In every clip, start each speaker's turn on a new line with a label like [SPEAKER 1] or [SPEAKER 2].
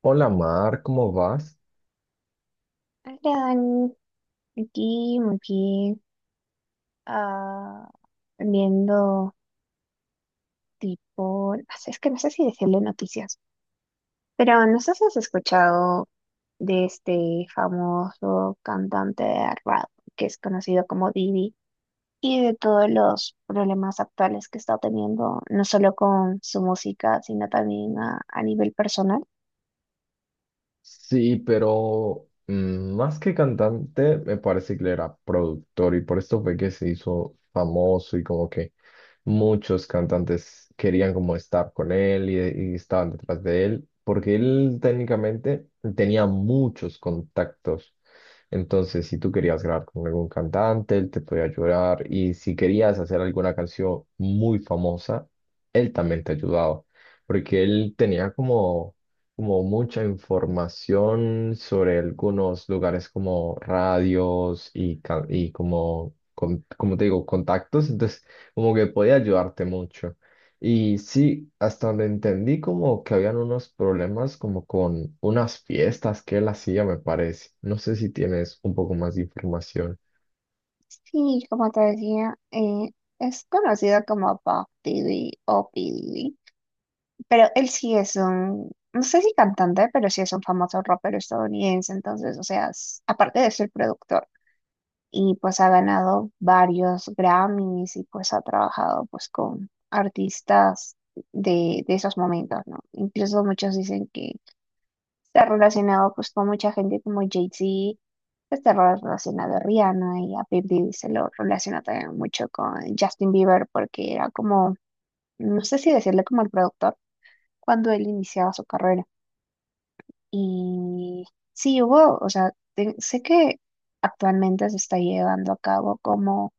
[SPEAKER 1] Hola Mar, ¿cómo vas?
[SPEAKER 2] Hola, Dani. Aquí, muy bien. Ah, viendo tipo, no sé, es que no sé si decirle noticias, pero no sé si has escuchado de este famoso cantante de rap que es conocido como Didi y de todos los problemas actuales que está teniendo, no solo con su música, sino también a nivel personal.
[SPEAKER 1] Sí, pero más que cantante, me parece que él era productor y por esto fue que se hizo famoso y como que muchos cantantes querían como estar con él y estaban detrás de él, porque él técnicamente tenía muchos contactos. Entonces, si tú querías grabar con algún cantante, él te podía ayudar y si querías hacer alguna canción muy famosa, él también te ayudaba, porque él tenía como mucha información sobre algunos lugares como radios y como, como te digo, contactos, entonces como que podía ayudarte mucho. Y sí, hasta donde entendí como que habían unos problemas como con unas fiestas que él hacía, me parece. No sé si tienes un poco más de información.
[SPEAKER 2] Sí, como te decía, es conocido como Puff Diddy o P. Pero él sí es un, no sé si cantante, pero sí es un famoso rapero estadounidense. Entonces, o sea, aparte de ser productor, y pues ha ganado varios Grammys y pues ha trabajado pues con artistas de esos momentos, ¿no? Incluso muchos dicen que está relacionado pues con mucha gente como Jay-Z, pues, está relacionado a Rihanna y a Baby se lo relaciona también mucho con Justin Bieber porque era como, no sé si decirle como el productor cuando él iniciaba su carrera. Y sí hubo, o sea, sé que actualmente se está llevando a cabo como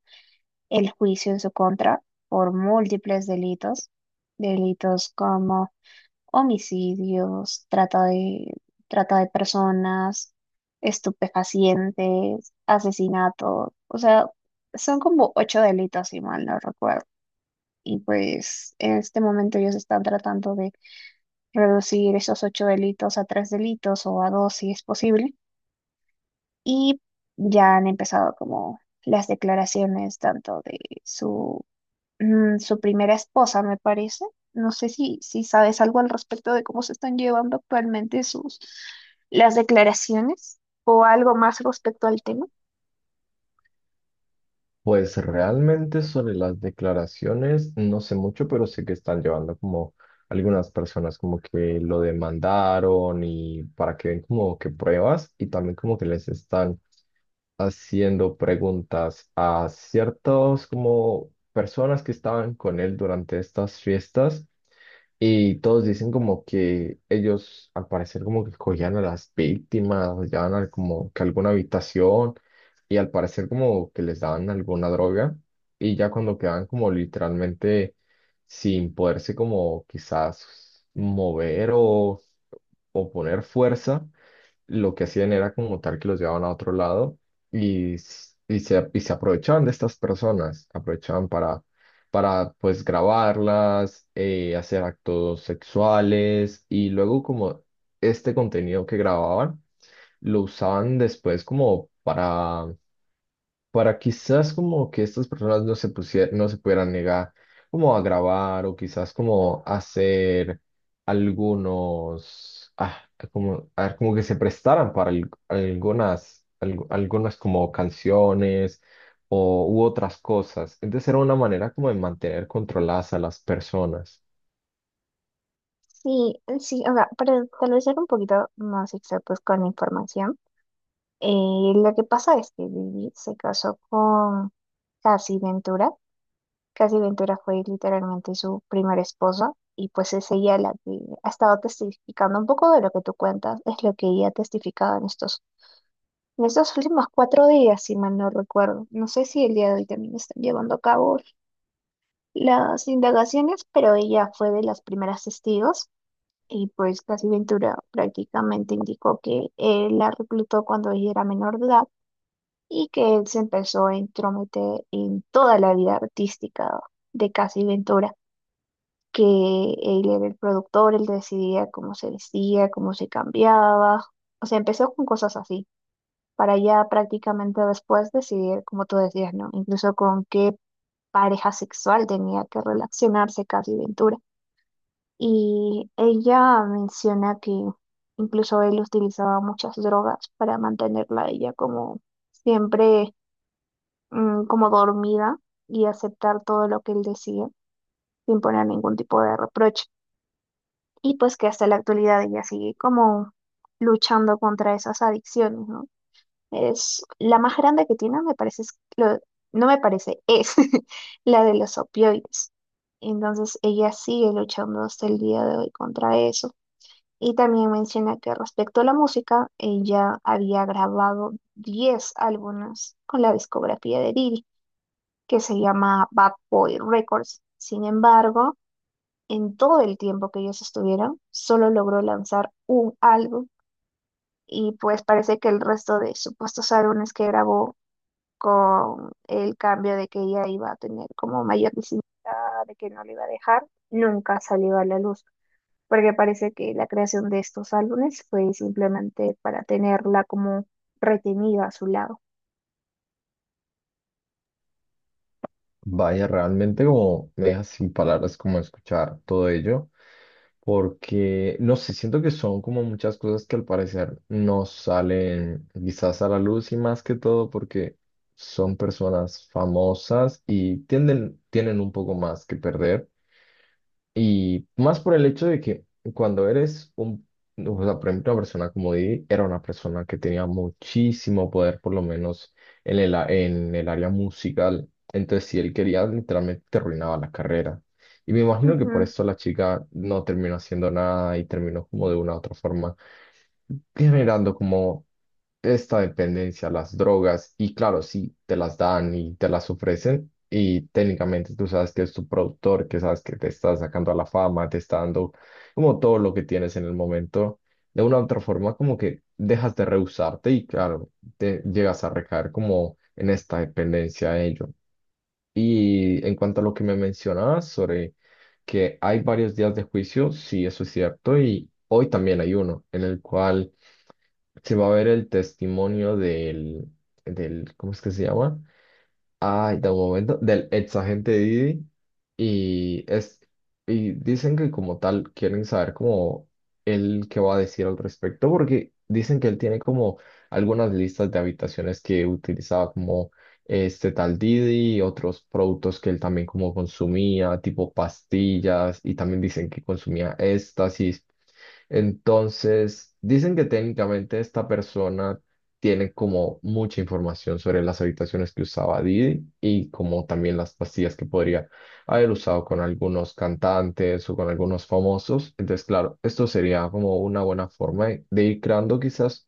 [SPEAKER 2] el juicio en su contra por múltiples delitos, delitos como homicidios, trata de personas, estupefacientes, asesinato, o sea, son como ocho delitos, si mal no recuerdo. Y pues en este momento ellos están tratando de reducir esos ocho delitos a tres delitos o a dos si es posible. Y ya han empezado como las declaraciones tanto de su, su primera esposa, me parece. No sé si sabes algo al respecto de cómo se están llevando actualmente sus las declaraciones o algo más respecto al tema.
[SPEAKER 1] Pues realmente sobre las declaraciones no sé mucho, pero sé que están llevando como algunas personas como que lo demandaron y para que ven como que pruebas y también como que les están haciendo preguntas a ciertos como personas que estaban con él durante estas fiestas y todos dicen como que ellos al parecer como que cogían a las víctimas, las llevaban a como que a alguna habitación y al parecer como que les daban alguna droga y ya cuando quedaban como literalmente sin poderse como quizás mover o poner fuerza, lo que hacían era como tal que los llevaban a otro lado y se aprovechaban de estas personas, aprovechaban para pues grabarlas, hacer actos sexuales y luego como este contenido que grababan lo usaban después como para quizás como que estas personas no se pusieran no se pudieran negar como a grabar o quizás como hacer algunos, como, a ver, como que se prestaran para algunas, algunas como canciones o, u otras cosas. Entonces era una manera como de mantener controladas a las personas.
[SPEAKER 2] Sí, sí, o sea, para tal vez ser un poquito más exactos con la información, lo que pasa es que Lily se casó con Cassie Ventura, Casi Ventura fue literalmente su primera esposa y pues es ella la que ha estado testificando un poco de lo que tú cuentas, es lo que ella ha testificado en estos últimos 4 días, si mal no recuerdo. No sé si el día de hoy también están llevando a cabo las indagaciones, pero ella fue de las primeras testigos y pues Casi Ventura prácticamente indicó que él la reclutó cuando ella era menor de edad y que él se empezó a entrometer en toda la vida artística de Casi Ventura. Que él era el productor, él decidía cómo se vestía, cómo se cambiaba. O sea, empezó con cosas así, para ya prácticamente después decidir, como tú decías, ¿no? Incluso con qué pareja sexual tenía que relacionarse Casi Ventura. Y ella menciona que incluso él utilizaba muchas drogas para mantenerla a ella como siempre, como dormida y aceptar todo lo que él decía sin poner ningún tipo de reproche. Y pues que hasta la actualidad ella sigue como luchando contra esas adicciones, ¿no? Es la más grande que tiene, me parece, es lo- no me parece, es la de los opioides. Entonces ella sigue luchando hasta el día de hoy contra eso. Y también menciona que respecto a la música, ella había grabado 10 álbumes con la discografía de Diddy, que se llama Bad Boy Records. Sin embargo, en todo el tiempo que ellos estuvieron, solo logró lanzar un álbum y pues parece que el resto de supuestos álbumes que grabó con el cambio de que ella iba a tener como mayor visibilidad, de que no le iba a dejar, nunca salió a la luz, porque parece que la creación de estos álbumes fue simplemente para tenerla como retenida a su lado.
[SPEAKER 1] Vaya, realmente como me deja sin palabras como escuchar todo ello, porque no sé, siento que son como muchas cosas que al parecer no salen quizás a la luz y más que todo porque son personas famosas y tienen un poco más que perder. Y más por el hecho de que cuando o sea, por ejemplo, una persona como Didi, era una persona que tenía muchísimo poder, por lo menos en en el área musical. Entonces, si él quería, literalmente te arruinaba la carrera. Y me imagino que por eso la chica no terminó haciendo nada y terminó como de una u otra forma generando como esta dependencia a las drogas y claro, si te las dan y te las ofrecen y técnicamente tú sabes que es tu productor, que sabes que te está sacando a la fama, te está dando como todo lo que tienes en el momento, de una u otra forma como que dejas de rehusarte y claro, te llegas a recaer como en esta dependencia a ello. Y en cuanto a lo que me mencionabas sobre que hay varios días de juicio, sí, eso es cierto, y hoy también hay uno en el cual se va a ver el testimonio del ¿cómo es que se llama? Ay, de un momento, del ex agente Didi, y es, y dicen que como tal quieren saber como él qué va a decir al respecto, porque dicen que él tiene como algunas listas de habitaciones que utilizaba como este tal Didi y otros productos que él también como consumía, tipo pastillas, y también dicen que consumía éxtasis. Entonces, dicen que técnicamente esta persona tiene como mucha información sobre las habitaciones que usaba Didi y como también las pastillas que podría haber usado con algunos cantantes o con algunos famosos. Entonces, claro, esto sería como una buena forma de ir creando quizás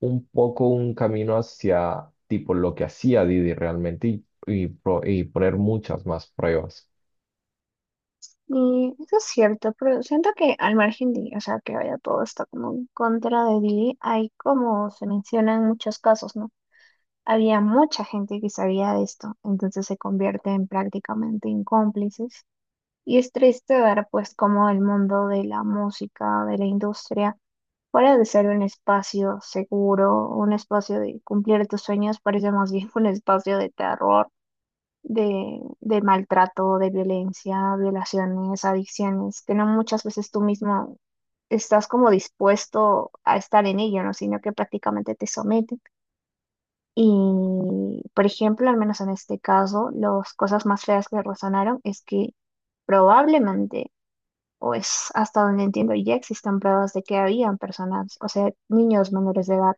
[SPEAKER 1] un poco un camino hacia tipo lo que hacía Didi realmente y poner muchas más pruebas.
[SPEAKER 2] Y eso es cierto, pero siento que al margen de, o sea, que vaya todo está como en contra de Billy, hay como se mencionan muchos casos, ¿no? Había mucha gente que sabía de esto, entonces se convierte en prácticamente en cómplices. Y es triste ver, pues, cómo el mundo de la música, de la industria, fuera de ser un espacio seguro, un espacio de cumplir tus sueños, parece más bien un espacio de terror de maltrato, de violencia, violaciones, adicciones, que no muchas veces tú mismo estás como dispuesto a estar en ello, ¿no? Sino que prácticamente te someten. Y, por ejemplo, al menos en este caso, las cosas más feas que resonaron es que probablemente, o es hasta donde entiendo, ya existen pruebas de que habían personas, o sea, niños menores de edad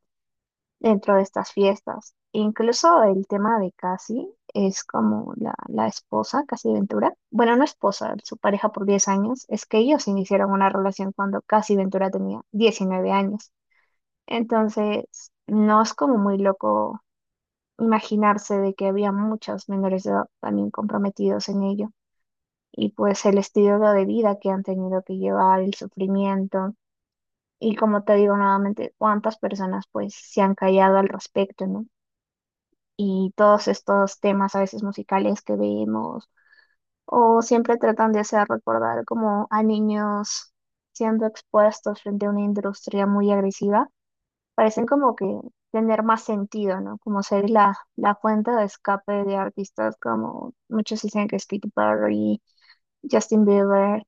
[SPEAKER 2] dentro de estas fiestas. Incluso el tema de Cassie es como la esposa, Cassie Ventura. Bueno, no esposa, su pareja por 10 años. Es que ellos iniciaron una relación cuando Cassie Ventura tenía 19 años. Entonces, no es como muy loco imaginarse de que había muchos menores de edad también comprometidos en ello. Y pues el estilo de vida que han tenido que llevar, el sufrimiento. Y como te digo nuevamente, cuántas personas pues se han callado al respecto, ¿no? Y todos estos temas a veces musicales que vemos, o siempre tratan de hacer recordar como a niños siendo expuestos frente a una industria muy agresiva, parecen como que tener más sentido, ¿no? Como ser la fuente de escape de artistas como muchos dicen que es Katy Perry, Justin Bieber,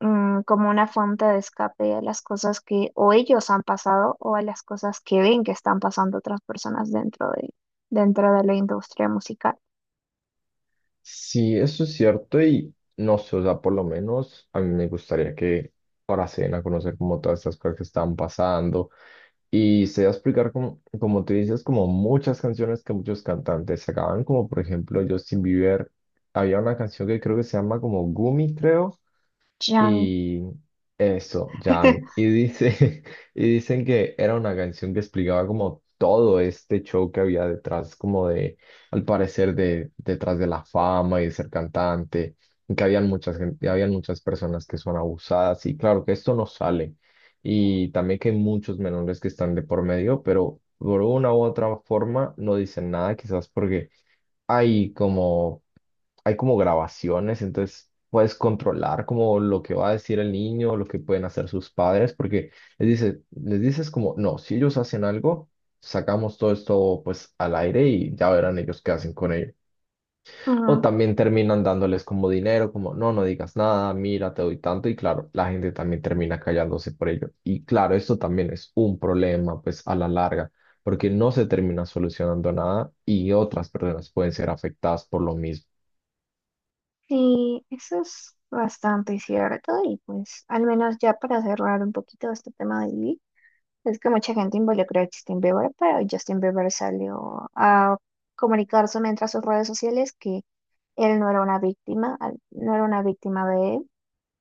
[SPEAKER 2] como una fuente de escape a las cosas que o ellos han pasado o a las cosas que ven que están pasando otras personas dentro de la industria musical.
[SPEAKER 1] Sí, eso es cierto y no sé, o sea, por lo menos a mí me gustaría que ahora se den a conocer como todas estas cosas que están pasando y se va a explicar como, como tú dices, como muchas canciones que muchos cantantes sacaban, como por ejemplo Justin Bieber, había una canción que creo que se llama como Gumi, creo.
[SPEAKER 2] Yami.
[SPEAKER 1] Y eso, Yami. Y dice, y dicen que era una canción que explicaba como todo este show que había detrás, como de, al parecer, de detrás de la fama y de ser cantante, y que habían y habían muchas personas que son abusadas. Y claro que esto no sale. Y también que hay muchos menores que están de por medio, pero por una u otra forma no dicen nada, quizás porque hay como, hay como grabaciones, entonces puedes controlar como lo que va a decir el niño, lo que pueden hacer sus padres, porque les dices como, no, si ellos hacen algo, sacamos todo esto pues al aire y ya verán ellos qué hacen con ello. O
[SPEAKER 2] Ujú.
[SPEAKER 1] también terminan dándoles como dinero, como no, no digas nada, mira, te doy tanto. Y claro, la gente también termina callándose por ello. Y claro, esto también es un problema, pues a la larga, porque no se termina solucionando nada y otras personas pueden ser afectadas por lo mismo.
[SPEAKER 2] Sí, eso es bastante cierto y pues al menos ya para cerrar un poquito este tema de Lee, es que mucha gente involucró a Justin Bieber, pero Justin Bieber salió a comunicarse mientras sus redes sociales que él no era una víctima, no era una víctima de él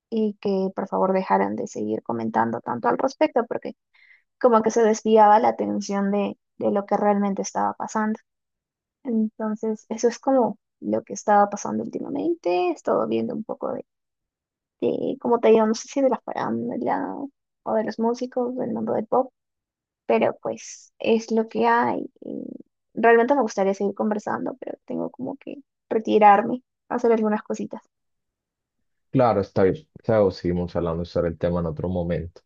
[SPEAKER 2] y que por favor dejaran de seguir comentando tanto al respecto porque como que se desviaba la atención de lo que realmente estaba pasando. Entonces, eso es como lo que estaba pasando últimamente. He estado viendo un poco de cómo te digo, no sé si de la farándula o de los músicos del mundo del pop, pero pues es lo que hay. Y realmente me gustaría seguir conversando, pero tengo como que retirarme, hacer algunas cositas.
[SPEAKER 1] Claro, está bien. O seguimos hablando sobre el tema en otro momento.